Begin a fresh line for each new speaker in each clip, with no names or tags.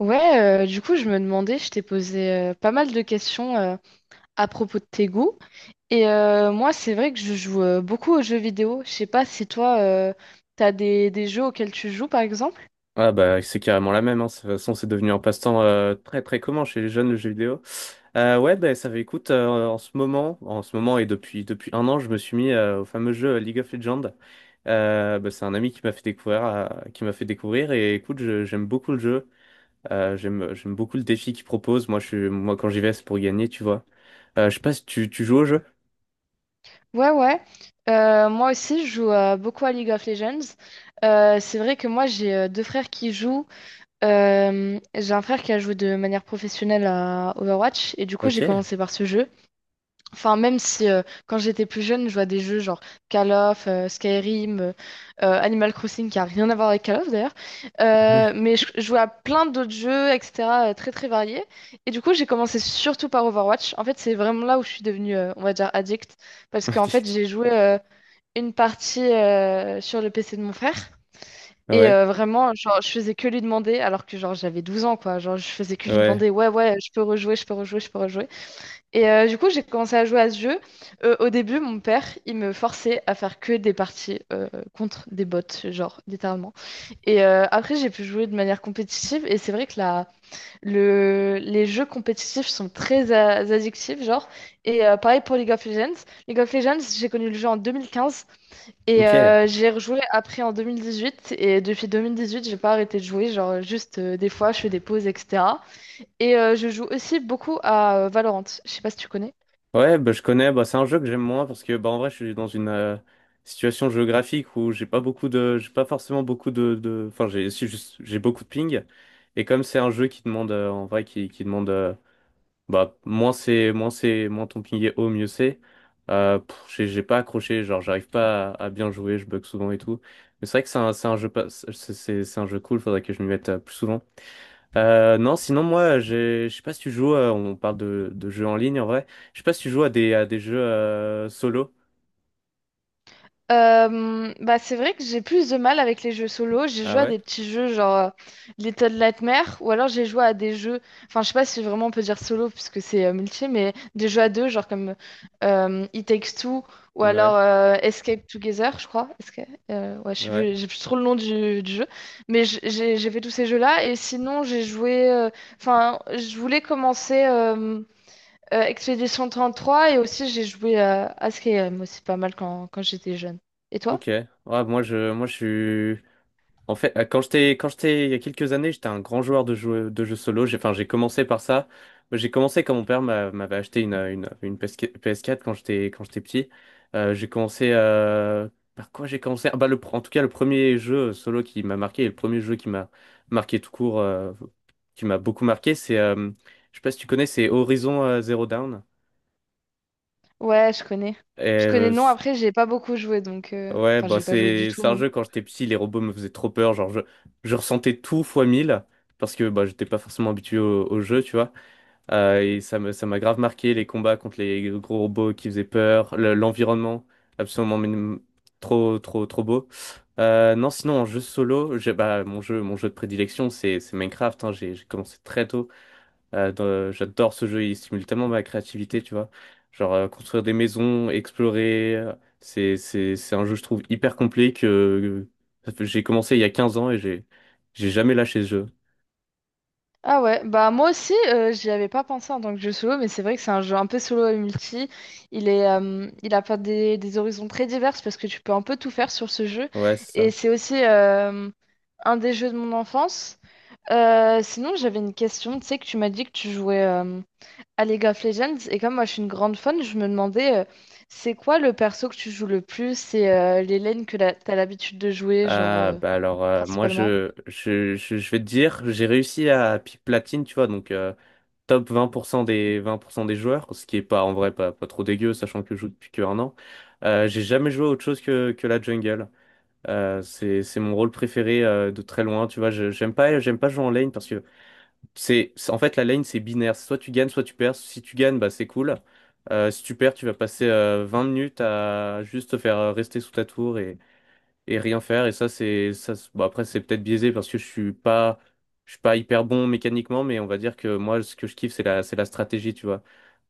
Ouais, du coup, je me demandais, je t'ai posé pas mal de questions à propos de tes goûts. Et moi, c'est vrai que je joue beaucoup aux jeux vidéo. Je sais pas si toi, t'as des jeux auxquels tu joues, par exemple.
Ah bah, c'est carrément la même, hein. De toute façon, c'est devenu un passe-temps très très commun chez les jeunes, le jeu vidéo. Ouais, bah ça fait, écoute, en ce moment, et depuis un an je me suis mis, au fameux jeu, League of Legends. Bah, c'est un ami qui m'a fait découvrir, et écoute, j'aime beaucoup le jeu. J'aime beaucoup le défi qu'il propose. Moi je suis Moi quand j'y vais, c'est pour gagner, tu vois. Je sais pas si tu joues au jeu.
Ouais, ouais. Moi aussi, je joue beaucoup à League of Legends. C'est vrai que moi, j'ai deux frères qui jouent. J'ai un frère qui a joué de manière professionnelle à Overwatch. Et du coup, j'ai
Ok.
commencé par ce jeu. Enfin, même si quand j'étais plus jeune, je vois des jeux genre Call of, Skyrim, Animal Crossing, qui a rien à voir avec Call of d'ailleurs. Mais je jouais à plein d'autres jeux, etc., très très variés. Et du coup, j'ai commencé surtout par Overwatch. En fait, c'est vraiment là où je suis devenue, on va dire, addict. Parce qu'en fait, j'ai joué une partie sur le PC de mon frère.
Ouais.
Et
Ouais.
vraiment, genre, je faisais que lui demander, alors que genre j'avais 12 ans, quoi. Genre, je faisais que lui
Ouais.
demander, ouais, ouais, je peux rejouer, je peux rejouer, je peux rejouer. Et du coup, j'ai commencé à jouer à ce jeu. Au début, mon père, il me forçait à faire que des parties contre des bots, genre, littéralement. Et après, j'ai pu jouer de manière compétitive. Et c'est vrai que les jeux compétitifs sont très addictifs, genre. Et pareil pour League of Legends. League of Legends, j'ai connu le jeu en 2015 et
Ok.
j'ai rejoué après en 2018. Et depuis 2018, j'ai pas arrêté de jouer. Genre, juste des fois, je fais des pauses, etc. Et je joue aussi beaucoup à Valorant. Je sais pas si tu connais.
Ouais, bah je connais. Bah, c'est un jeu que j'aime moins parce que bah, en vrai, je suis dans une, situation géographique où j'ai pas forcément beaucoup de, enfin j'ai si, j'ai beaucoup de ping, et comme c'est un jeu qui demande, en vrai, qui demande, bah moins ton ping est haut, mieux c'est. Euh, pff, j'ai j'ai pas accroché, genre j'arrive pas à, bien jouer, je bug souvent et tout. Mais c'est vrai que c'est un jeu pas c'est c'est un jeu cool, faudrait que je m'y mette plus souvent. Non, sinon moi, je sais pas si tu joues, on parle de, jeux en ligne en vrai, je sais pas si tu joues à des, jeux, solo.
Bah c'est vrai que j'ai plus de mal avec les jeux solo. J'ai
Ah
joué à
ouais?
des petits jeux genre Little Nightmares ou alors j'ai joué à des jeux, enfin je sais pas si vraiment on peut dire solo puisque c'est multi, mais des jeux à deux genre comme It Takes Two ou alors
Ouais,
Escape Together, je crois. Ouais, je sais
ouais,
plus, j'ai plus trop le nom du jeu, mais j'ai fait tous ces jeux-là et sinon j'ai joué, enfin je voulais commencer. Expedition 3 et aussi j'ai joué à Skyrim aussi pas mal quand, quand j'étais jeune. Et toi?
ok. Ouais, moi je suis... En fait, quand j'étais, il y a quelques années, j'étais un grand joueur de jeux, solo. Enfin, j'ai commencé par ça. J'ai commencé quand mon père m'avait acheté une, une PS4 quand j'étais, petit. Euh, j'ai commencé, euh, Par quoi j'ai commencé? Ah bah, en tout cas, le premier jeu solo qui m'a marqué et le premier jeu qui m'a marqué tout court, qui m'a beaucoup marqué, c'est, je sais pas si tu connais, c'est Horizon Zero Dawn.
Ouais, je connais. Je connais non, après j'ai pas beaucoup joué donc
Ouais,
enfin
bah
j'ai pas joué du tout
c'est un
même.
jeu, quand j'étais petit, les robots me faisaient trop peur, genre je... Je ressentais tout fois 1000 parce que bah j'étais pas forcément habitué au, jeu, tu vois. Et ça m'a grave marqué, les combats contre les gros robots qui faisaient peur, l'environnement absolument trop trop trop beau. Non, sinon en jeu solo, j'ai bah mon jeu de prédilection, c'est Minecraft, hein, j'ai commencé très tôt. J'adore ce jeu, il stimule tellement ma créativité, tu vois. Genre, construire des maisons, explorer, c'est un jeu je trouve hyper complet. J'ai commencé il y a 15 ans et j'ai jamais lâché ce jeu.
Ah ouais, bah moi aussi, j'y avais pas pensé en tant que jeu solo, mais c'est vrai que c'est un jeu un peu solo et multi. Il est, il a pas des horizons très divers parce que tu peux un peu tout faire sur ce jeu.
Ouais, c'est
Et
ça.
c'est aussi un des jeux de mon enfance. Sinon, j'avais une question, tu sais que tu m'as dit que tu jouais à League of Legends, et comme moi je suis une grande fan, je me demandais, c'est quoi le perso que tu joues le plus et les lanes que t'as l'habitude de jouer, genre,
Ah bah alors, euh, moi
principalement?
je, je je je vais te dire, j'ai réussi à pic platine, tu vois, donc, top 20%, des joueurs, ce qui est, pas en vrai, pas trop dégueu sachant que je joue depuis que un an. J'ai jamais joué à autre chose que la jungle. C'est mon rôle préféré, de très loin, tu vois. J'aime pas jouer en lane, parce que en fait la lane c'est binaire. Soit tu gagnes, soit tu perds. Si tu gagnes, bah c'est cool. Si tu perds, tu vas passer, 20 minutes à juste te faire, rester sous ta tour et rien faire. Et ça c'est ça. Bon, après, c'est peut-être biaisé parce que je suis pas hyper bon mécaniquement, mais on va dire que moi, ce que je kiffe, c'est la stratégie, tu vois.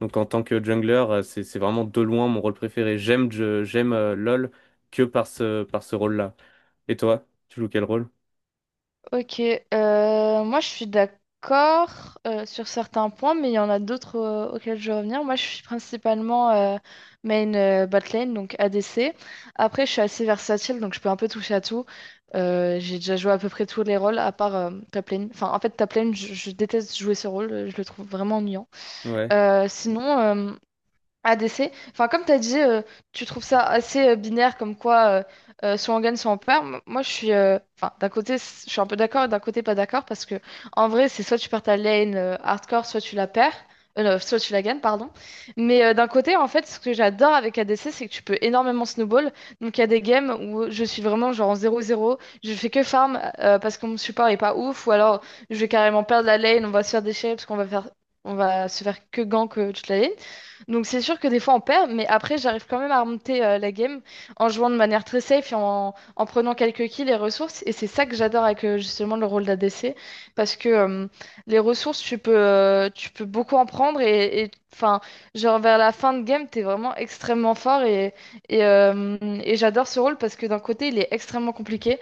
Donc, en tant que jungler, c'est vraiment de loin mon rôle préféré. J'aime LoL que par ce rôle-là. Et toi, tu joues quel rôle?
Ok, moi je suis d'accord sur certains points, mais il y en a d'autres auxquels je vais revenir. Moi je suis principalement main botlane, donc ADC. Après je suis assez versatile, donc je peux un peu toucher à tout. J'ai déjà joué à peu près tous les rôles, à part top lane. Enfin en fait top lane, je déteste jouer ce rôle, je le trouve vraiment ennuyant.
Ouais.
Euh, sinon, euh, ADC. Enfin, comme tu as dit, tu trouves ça assez binaire comme quoi soit on gagne, soit on perd. Moi, je suis. Enfin, d'un côté, je suis un peu d'accord et d'un côté, pas d'accord parce que en vrai, c'est soit tu perds ta lane hardcore, soit tu la perds. Non, soit tu la gagnes, pardon. Mais d'un côté, en fait, ce que j'adore avec ADC, c'est que tu peux énormément snowball. Donc, il y a des games où je suis vraiment genre en 0-0, je fais que farm parce que mon support est pas ouf, ou alors je vais carrément perdre la lane, on va se faire déchirer parce qu'on va faire, on va se faire que gank toute la lane. Donc c'est sûr que des fois on perd, mais après j'arrive quand même à remonter la game en jouant de manière très safe et en prenant quelques kills et ressources. Et c'est ça que j'adore avec justement le rôle d'ADC, parce que les ressources tu peux beaucoup en prendre enfin genre vers la fin de game t'es vraiment extrêmement fort et, euh, et j'adore ce rôle parce que d'un côté il est extrêmement compliqué.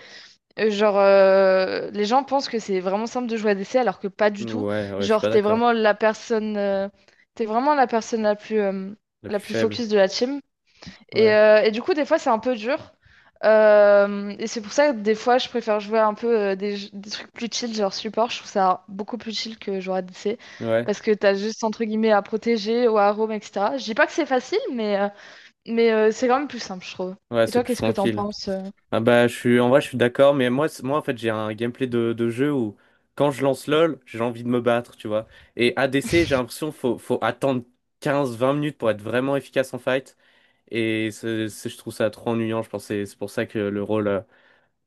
Les gens pensent que c'est vraiment simple de jouer à DC alors que pas du tout.
Ouais, ouais, je suis
Genre,
pas d'accord.
t'es vraiment la personne
La
la
plus
plus
faible.
focus de la team.
Ouais.
Et du coup, des fois, c'est un peu dur. Et c'est pour ça que des fois, je préfère jouer un peu des trucs plus chill, genre support. Je trouve ça beaucoup plus chill que jouer à DC
Ouais.
parce que t'as juste entre guillemets à protéger ou à roam, etc. Je dis pas que c'est facile, mais c'est quand même plus simple, je trouve.
Ouais,
Et
c'est
toi,
plus
qu'est-ce que t'en
tranquille.
penses?
Ah bah, je suis en vrai je suis d'accord, mais moi, en fait j'ai un gameplay de, jeu où, quand je lance LOL, j'ai envie de me battre, tu vois. Et ADC, j'ai l'impression qu'il faut attendre 15 20 minutes pour être vraiment efficace en fight. Et je trouve ça trop ennuyant. Je pense que c'est pour ça que le rôle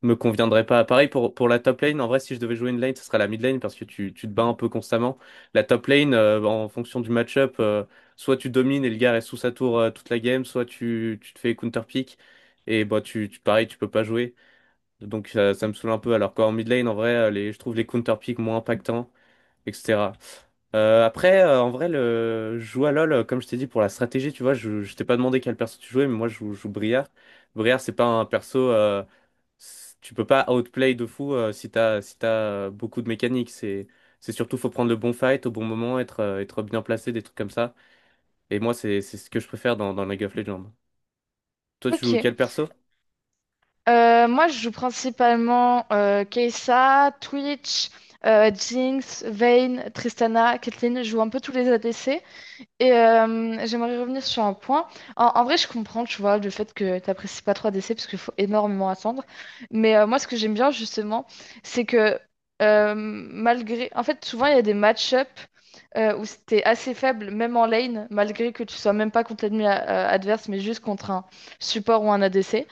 me conviendrait pas. Pareil pour, la top lane, en vrai, si je devais jouer une lane, ce serait la mid lane parce que tu te bats un peu constamment. La top lane, en fonction du match-up, soit tu domines et le gars reste sous sa tour, toute la game, soit tu te fais counter pick, et bah, pareil, tu peux pas jouer. Donc ça me saoule un peu. Alors qu'en mid lane, en vrai, je trouve les counter pick moins impactants, etc. Après, en vrai, je joue à LoL, comme je t'ai dit, pour la stratégie, tu vois. Je t'ai pas demandé quel perso tu jouais, mais moi, je joue Briar. Briar, c'est pas un perso. Tu peux pas outplay de fou, si t'as si t'as, beaucoup de mécaniques. C'est surtout, faut prendre le bon fight au bon moment, être bien placé, des trucs comme ça. Et moi, c'est ce que je préfère dans League of Legends. Toi, tu joues
Ok.
quel perso?
Moi, je joue principalement Kai'Sa, Twitch, Jinx, Vayne, Tristana, Caitlyn. Je joue un peu tous les ADC. Et j'aimerais revenir sur un point. En vrai, je comprends, tu vois, le fait que t'apprécies pas trop ADC parce qu'il faut énormément attendre. Mais moi, ce que j'aime bien, justement, c'est que malgré… En fait, souvent, il y a des match-up où c'était assez faible, même en lane, malgré que tu sois même pas contre l'ennemi adverse, mais juste contre un support ou un ADC.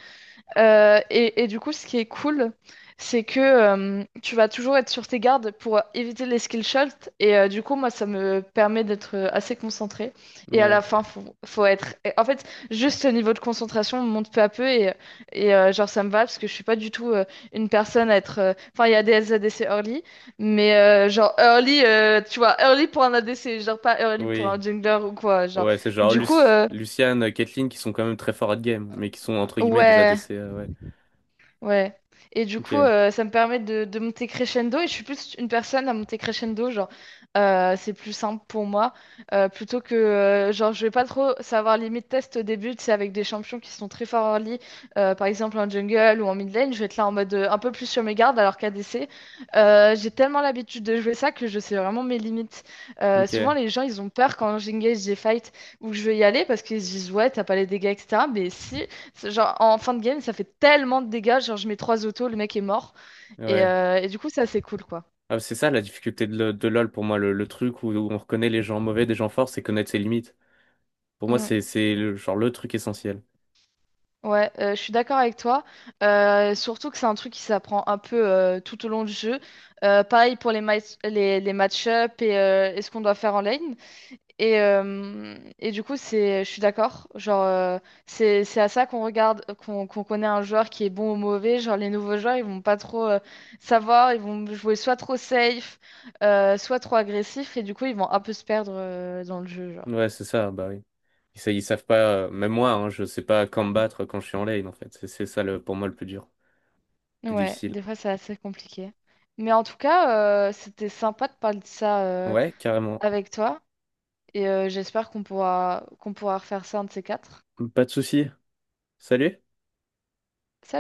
Et du coup, ce qui est cool, c'est que tu vas toujours être sur tes gardes pour éviter les skill shots. Et du coup, moi, ça me permet d'être assez concentré. Et à la
Ouais.
fin, faut être. En fait, juste le niveau de concentration monte peu à peu. Genre, ça me va parce que je suis pas du tout une personne à être. Enfin, il y a des ADC early, mais genre early, tu vois, early pour un ADC, genre pas early pour un
Oui.
jungler ou quoi. Genre,
Ouais, c'est genre
du coup,
Lucian, Caitlyn, qui sont quand même très forts à game, mais qui sont, entre guillemets, des
ouais.
ADC. Ouais.
Ouais. Et du coup,
Ok.
ça me permet de monter crescendo. Et je suis plus une personne à monter crescendo, genre, c'est plus simple pour moi. Plutôt que, genre, je vais pas trop savoir limite test au début, c'est avec des champions qui sont très forts early, par exemple en jungle ou en mid lane, je vais être là en mode un peu plus sur mes gardes, alors qu'ADC, j'ai tellement l'habitude de jouer ça que je sais vraiment mes limites. Souvent,
Ok.
les gens, ils ont peur quand j'engage des fights où je vais y aller parce qu'ils se disent, ouais, t'as pas les dégâts, etc. Mais si. C'est Genre, en fin de game, ça fait tellement de dégâts. Genre, je mets trois autos, le mec est mort.
Ouais.
Et du coup, ça, c'est cool, quoi.
Ah, c'est ça la difficulté de, LoL pour moi, le truc où, on reconnaît les gens mauvais des gens forts, c'est connaître ses limites. Pour moi,
Mm.
c'est genre le truc essentiel.
Ouais, je suis d'accord avec toi. Surtout que c'est un truc qui s'apprend un peu tout au long du jeu. Pareil pour les match-up et ce qu'on doit faire en lane. Et du coup, je suis d'accord. Genre, c'est à ça qu'on regarde, qu'on connaît un joueur qui est bon ou mauvais. Genre, les nouveaux joueurs, ils vont pas trop savoir. Ils vont jouer soit trop safe, soit trop agressif. Et du coup, ils vont un peu se perdre dans le jeu, genre.
Ouais, c'est ça, bah oui. Ils savent pas, même moi, hein, je sais pas combattre quand je suis en lane, en fait. C'est ça le, pour moi, le plus dur. Plus
Ouais,
difficile.
des fois, c'est assez compliqué. Mais en tout cas, c'était sympa de parler de ça
Ouais, carrément.
avec toi. Et j'espère qu'on pourra refaire ça un de ces quatre.
Pas de souci. Salut.
Salut!